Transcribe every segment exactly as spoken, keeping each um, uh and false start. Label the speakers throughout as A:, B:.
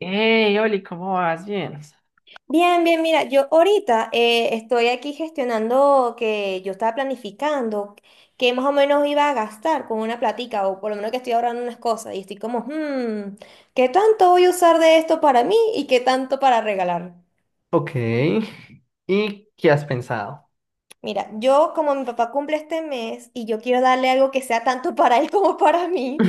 A: Hey, Oli, ¿cómo vas? Bien.
B: Bien, bien, mira, yo ahorita eh, estoy aquí gestionando que yo estaba planificando que más o menos iba a gastar con una platica o por lo menos que estoy ahorrando unas cosas y estoy como, hmm, ¿qué tanto voy a usar de esto para mí y qué tanto para regalar?
A: Ok. ¿Y qué has pensado?
B: Mira, yo como mi papá cumple este mes y yo quiero darle algo que sea tanto para él como para mí.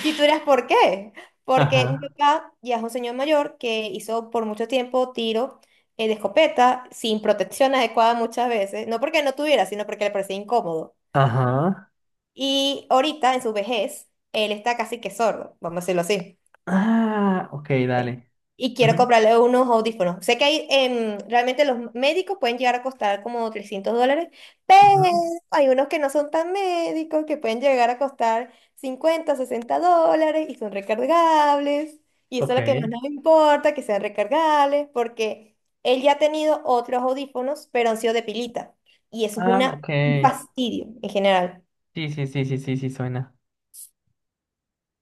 B: Y tú dirás, ¿por qué? Porque mi
A: Ajá.
B: papá ya es un señor mayor que hizo por mucho tiempo tiro eh, de escopeta sin protección adecuada muchas veces, no porque no tuviera, sino porque le parecía incómodo.
A: Ajá.
B: Y ahorita, en su vejez, él está casi que sordo, vamos a decirlo así.
A: Ah, ok,
B: Sí.
A: dale.
B: Y quiero
A: Ujú,
B: comprarle unos audífonos. Sé que hay, em, realmente los médicos pueden llegar a costar como trescientos dólares, pero
A: ujú.
B: hay unos que no son tan médicos, que pueden llegar a costar cincuenta sesenta dólares y son recargables. Y eso
A: Ok.
B: es lo que más nos importa, que sean recargables, porque él ya ha tenido otros audífonos, pero han sido de pilita. Y eso es
A: Ah,
B: una,
A: ok.
B: un fastidio en general.
A: Sí, sí, sí, sí, sí, sí, suena.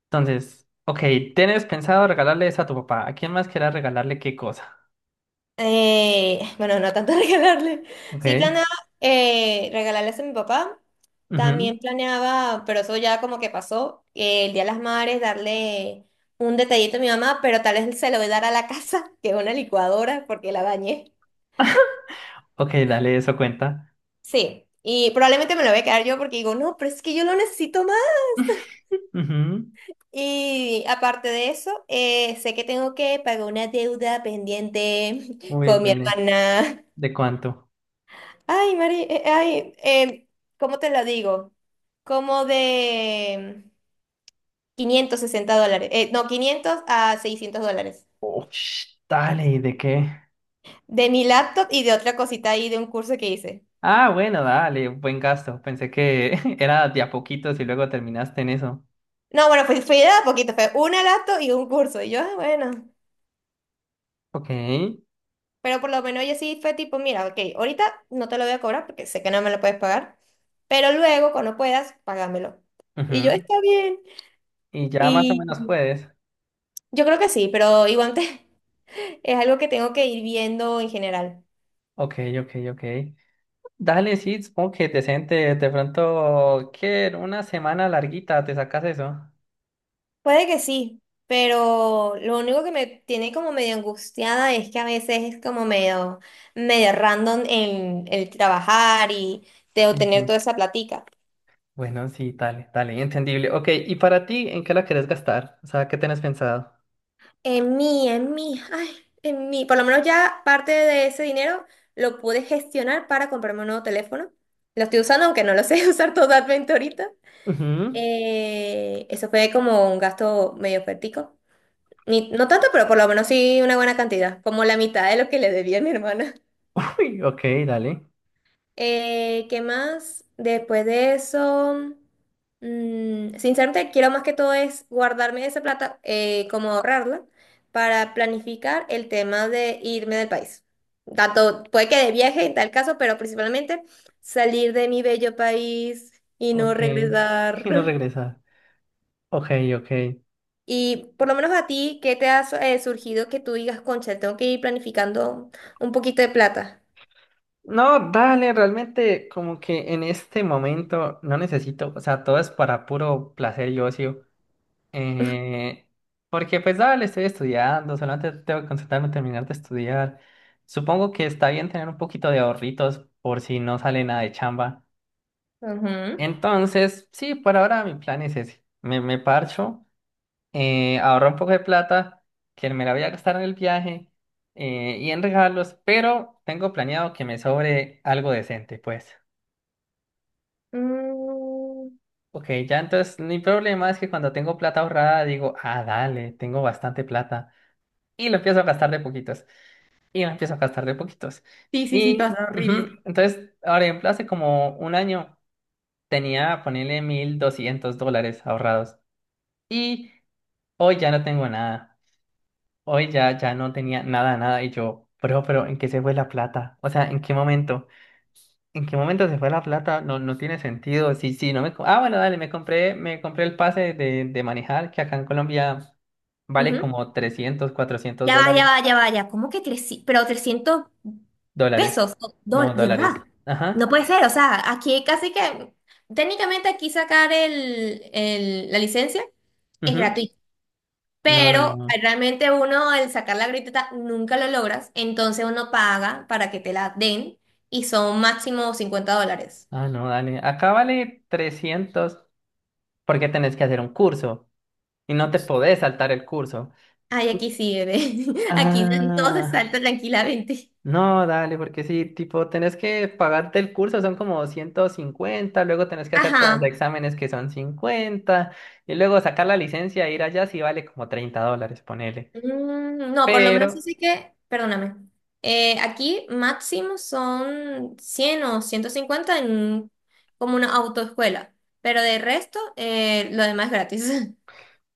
A: Entonces, ok, ¿tienes pensado regalarle eso a tu papá? ¿A quién más quieras regalarle qué cosa?
B: Eh, bueno, no tanto regalarle.
A: Ok.
B: Sí, planeaba eh, regalarles a mi papá.
A: Ujú.
B: También planeaba, pero eso ya como que pasó, eh, el Día de las Madres, darle un detallito a mi mamá, pero tal vez se lo voy a dar a la casa, que es una licuadora, porque la bañé.
A: Ok, dale, eso cuenta.
B: Sí, y probablemente me lo voy a quedar yo porque digo, no, pero es que yo lo necesito más.
A: Ujú.
B: Y aparte de eso, eh, sé que tengo que pagar una deuda pendiente
A: Uy,
B: con mi
A: dale.
B: hermana.
A: ¿De cuánto?
B: Ay, Mari, eh, ay, eh, ¿cómo te lo digo? Como de quinientos sesenta dólares, eh, no, quinientos a seiscientos dólares.
A: Ush, dale, ¿y de qué?
B: De mi laptop y de otra cosita ahí de un curso que hice.
A: Ah, bueno, dale, buen gasto. Pensé que era de a poquitos y luego terminaste en eso.
B: No, bueno, fue, fue de a poquito, fue una laptop y un curso. Y yo, ah, bueno,
A: Ok.
B: pero por lo menos yo sí fue tipo, mira, ok, ahorita no te lo voy a cobrar porque sé que no me lo puedes pagar, pero luego cuando puedas, págamelo. Y yo,
A: Ujú.
B: está bien.
A: Y ya más o menos
B: Y
A: puedes.
B: yo creo que sí, pero igual te- es algo que tengo que ir viendo en general.
A: Ok, ok, ok. Dale, sí, supongo que decente. De pronto, ¿qué? En una semana larguita, ¿te sacas eso?
B: Puede que sí, pero lo único que me tiene como medio angustiada es que a veces es como medio, medio random en el trabajar y de
A: Sí, sí.
B: obtener toda esa platica.
A: Bueno, sí, dale, dale, entendible. Ok, ¿y para ti en qué la querés gastar? O sea, ¿qué tenés pensado?
B: En mí, en mí, ay, en mí. Por lo menos ya parte de ese dinero lo pude gestionar para comprarme un nuevo teléfono. Lo estoy usando, aunque no lo sé usar totalmente ahorita.
A: Ujú.
B: Eh, eso fue como un gasto medio fuertico. Ni, No tanto, pero por lo menos sí una buena cantidad, como la mitad de lo que le debía a mi hermana.
A: Uy, ok, dale.
B: Eh, ¿qué más? Después de eso, mm, sinceramente, quiero más que todo es guardarme esa plata, eh, como ahorrarla, para planificar el tema de irme del país. Tanto puede que de viaje en tal caso, pero principalmente salir de mi bello país y no
A: Ok. Y no
B: regresar.
A: regresar. Ok, ok.
B: Y por lo menos a ti, ¿qué te ha su- eh, surgido que tú digas, concha, tengo que ir planificando un poquito de plata?
A: No, dale, realmente como que en este momento no necesito, o sea, todo es para puro placer y ocio. Eh, porque pues dale, estoy estudiando, solamente tengo que concentrarme en terminar de estudiar. Supongo que está bien tener un poquito de ahorritos por si no sale nada de chamba.
B: Ujú.
A: Entonces, sí, por ahora mi plan es ese. Me, me parcho, eh, ahorro un poco de plata que me la voy a gastar en el viaje eh, y en regalos, pero tengo planeado que me sobre algo decente, pues.
B: Mm,
A: Ok, ya entonces mi problema es que cuando tengo plata ahorrada digo, ah, dale, tengo bastante plata. Y lo empiezo a gastar de poquitos. Y lo empiezo a gastar de poquitos.
B: sí, sí, sí,
A: Y
B: pasa horrible.
A: ujú, entonces, ahora ejemplo, hace como un año tenía, ponerle mil doscientos dólares ahorrados. Y hoy ya no tengo nada. Hoy ya, ya no tenía nada, nada. Y yo, bro, pero ¿en qué se fue la plata? O sea, ¿en qué momento? ¿En qué momento se fue la plata? No, no tiene sentido. Sí, sí, no me... co- Ah, bueno, dale, me compré, me compré el pase de, de manejar, que acá en Colombia vale
B: Ujú.
A: como trescientos, cuatrocientos
B: Ya va,
A: dólares.
B: ya va, ya va, ya. ¿Cómo que trescientos? Pero trescientos
A: Dólares.
B: pesos, o
A: No,
B: dólares, de verdad.
A: dólares.
B: No
A: Ajá.
B: puede ser, o sea, aquí casi que técnicamente aquí sacar el, el- la licencia es
A: Ujú.
B: gratuito,
A: No, no,
B: pero
A: no.
B: realmente uno al sacar la gratuita nunca lo logras, entonces uno paga para que te la den y son máximo cincuenta dólares.
A: Ah, no, dale. Acá vale trescientos porque tenés que hacer un curso y no te podés saltar el curso.
B: Ay, aquí sí, bebé. Aquí entonces
A: Ah.
B: salta tranquilamente.
A: No, dale, porque sí, tipo, tenés que pagarte el curso, son como ciento cincuenta, luego tenés que hacerte los
B: Ajá.
A: exámenes que son cincuenta y luego sacar la licencia e ir allá sí vale como treinta dólares, ponele.
B: Mm, no, por lo menos
A: Pero,
B: así que, perdóname. Eh, aquí máximo son cien o ciento cincuenta en como una autoescuela, pero de resto eh, lo demás es gratis.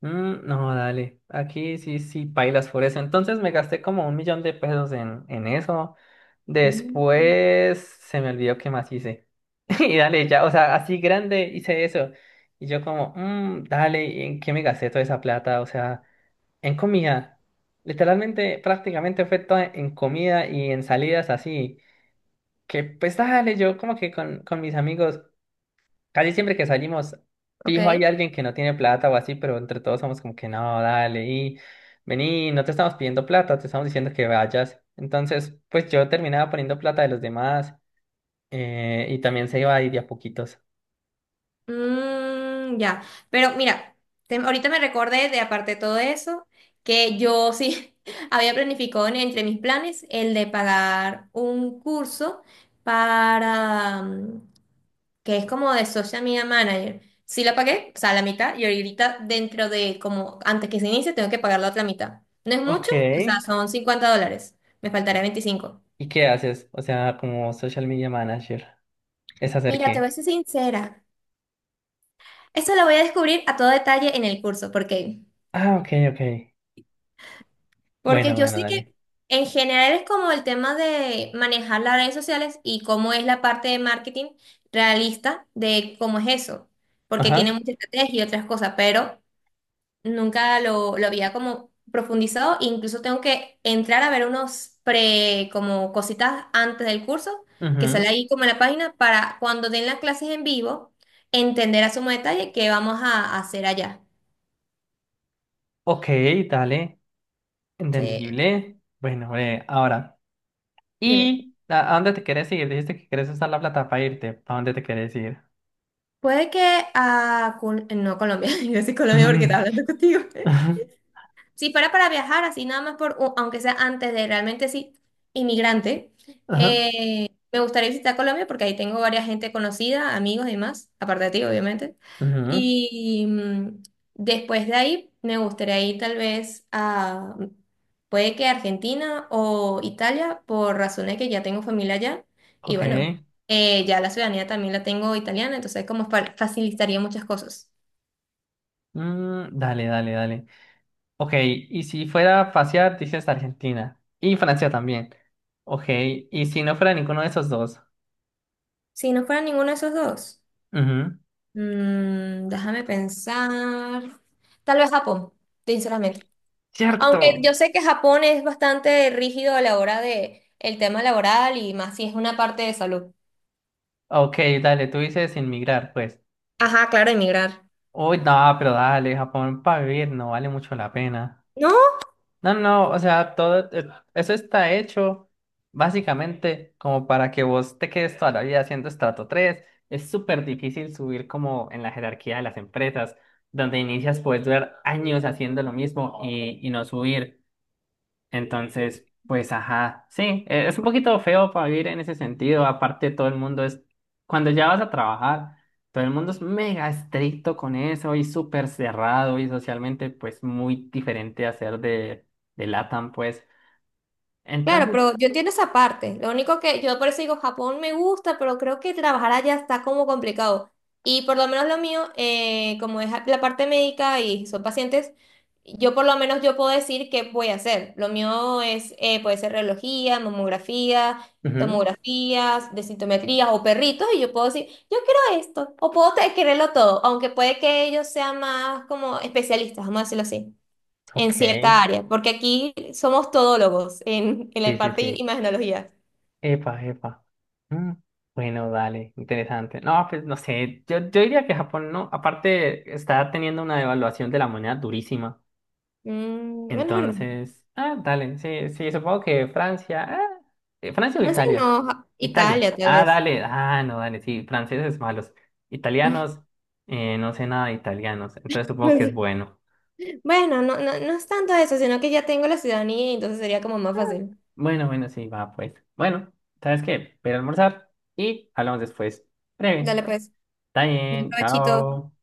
A: mm, no, dale, aquí sí, sí, pailas por eso. Entonces me gasté como un millón de pesos en, en eso.
B: Mm,
A: Después se me olvidó qué más hice. Y dale, ya, o sea, así grande hice eso. Y yo como, mm, dale, ¿y ¿en qué me gasté toda esa plata? O sea... En comida, literalmente, prácticamente fue todo en comida y en salidas así. Que pues dale, yo como que con, con mis amigos, casi siempre que salimos, fijo hay
B: ok.
A: alguien que no tiene plata o así, pero entre todos somos como que no, dale, y vení, no te estamos pidiendo plata, te estamos diciendo que vayas. Entonces, pues yo terminaba poniendo plata de los demás eh, y también se iba ahí de a poquitos.
B: Mm, ya, pero mira, te- ahorita me recordé de aparte de todo eso, que yo sí había planificado en- entre mis planes el de pagar un curso para, mm, que es como de Social Media Manager. Sí la pagué, o sea, la mitad, y ahorita dentro de, como antes que se inicie, tengo que pagar la otra mitad. No es mucho, o sea,
A: Ok.
B: son cincuenta dólares, me faltaría veinticinco.
A: ¿Y qué haces? O sea, como social media manager, ¿es hacer
B: Mira, te voy
A: qué?
B: a ser sincera, eso lo voy a descubrir a todo detalle en el curso, porque...
A: Ah, ok, ok.
B: Porque
A: Bueno,
B: yo
A: bueno,
B: sé
A: dale.
B: que en general es como el tema de manejar las redes sociales y cómo es la parte de marketing realista de cómo es eso, porque tiene
A: Ajá.
B: mucha estrategia y otras cosas, pero nunca lo, lo había como profundizado, incluso tengo que entrar a ver unos pre, como cositas antes del curso, que sale
A: Ujú.
B: ahí como en la página, para cuando den las clases en vivo, entender a sumo detalle qué vamos a hacer allá.
A: Ok, dale.
B: Sí,
A: Entendible. Bueno, breve, ahora.
B: dime.
A: ¿Y a a dónde te quieres ir? Dijiste que quieres usar la plata para irte. ¿A dónde te quieres ir?
B: Puede que a... Col- no, Colombia, yo soy Colombia porque estaba
A: Ujú.
B: hablando contigo.
A: Ajá.
B: Si fuera para viajar así, nada más por, u- aunque sea antes de realmente sí, inmigrante,
A: Ajá.
B: eh, me gustaría visitar Colombia porque ahí tengo varias gente conocida, amigos y demás, aparte de ti, obviamente.
A: Ujú.
B: Y mm, después de ahí, me gustaría ir tal vez a, puede que Argentina o Italia, por razones que ya tengo familia allá. Y
A: Ok.
B: bueno, eh, ya la ciudadanía también la tengo italiana, entonces como fa- facilitaría muchas cosas.
A: Mm, dale, dale, dale. Ok, y si fuera a pasear, dices Argentina. Y Francia también. Ok, y si no fuera ninguno de esos dos.
B: Si no fuera ninguno de esos dos.
A: Ujú.
B: Mm, déjame pensar. Tal vez Japón, sinceramente. Aunque
A: Cierto.
B: yo sé que Japón es bastante rígido a la hora de el tema laboral y más si es una parte de salud.
A: Ok, dale, tú dices inmigrar, pues.
B: Ajá, claro, emigrar.
A: Uy, no, pero dale, Japón para vivir no vale mucho la pena.
B: No,
A: No, no, o sea, todo eh, eso está hecho básicamente como para que vos te quedes toda la vida haciendo estrato tres. Es súper difícil subir como en la jerarquía de las empresas, donde inicias puedes durar años haciendo lo mismo y, y no subir. Entonces, pues ajá, sí, eh, es un poquito feo para vivir en ese sentido. Aparte, todo el mundo es, cuando ya vas a trabajar, todo el mundo es mega estricto con eso y súper cerrado y socialmente, pues muy diferente a ser de, de LATAM, pues.
B: claro,
A: Entonces,
B: pero yo entiendo esa parte. Lo único que yo por eso digo, Japón me gusta, pero creo que trabajar allá está como complicado. Y por lo menos lo mío, eh, como es la parte médica y son pacientes, yo por lo menos yo puedo decir qué voy a hacer. Lo mío es, eh, puede ser reología, mamografía,
A: ujú,
B: tomografías, de sintometría o perritos y yo puedo decir, yo quiero esto o puedo te- quererlo todo, aunque puede que ellos sean más como especialistas, vamos a decirlo así en
A: ok,
B: cierta área, porque aquí somos todólogos en, en
A: sí,
B: la
A: sí,
B: parte de
A: sí.
B: imagenología.
A: Epa, epa. Mm, bueno, dale, interesante. No, pues no sé, yo, yo diría que Japón no, aparte está teniendo una devaluación de la moneda durísima.
B: Mm, bueno, es verdad.
A: Entonces, ah, dale, sí, sí, supongo que Francia, ah, eh, Francia o
B: Francia
A: Italia,
B: no, Ja-
A: Italia,
B: Italia tal
A: ah,
B: vez.
A: dale, ah, no, dale, sí, franceses malos, italianos, eh, no sé nada de italianos, entonces supongo
B: No
A: que es
B: sé.
A: bueno.
B: Bueno, no, no, no es tanto eso, sino que ya tengo la ciudadanía y entonces sería como más fácil.
A: Bueno, bueno, sí, va, pues. Bueno, ¿sabes qué? Voy a almorzar y hablamos después. Breve.
B: Dale pues,
A: Está
B: un
A: bien,
B: provechito.
A: chao.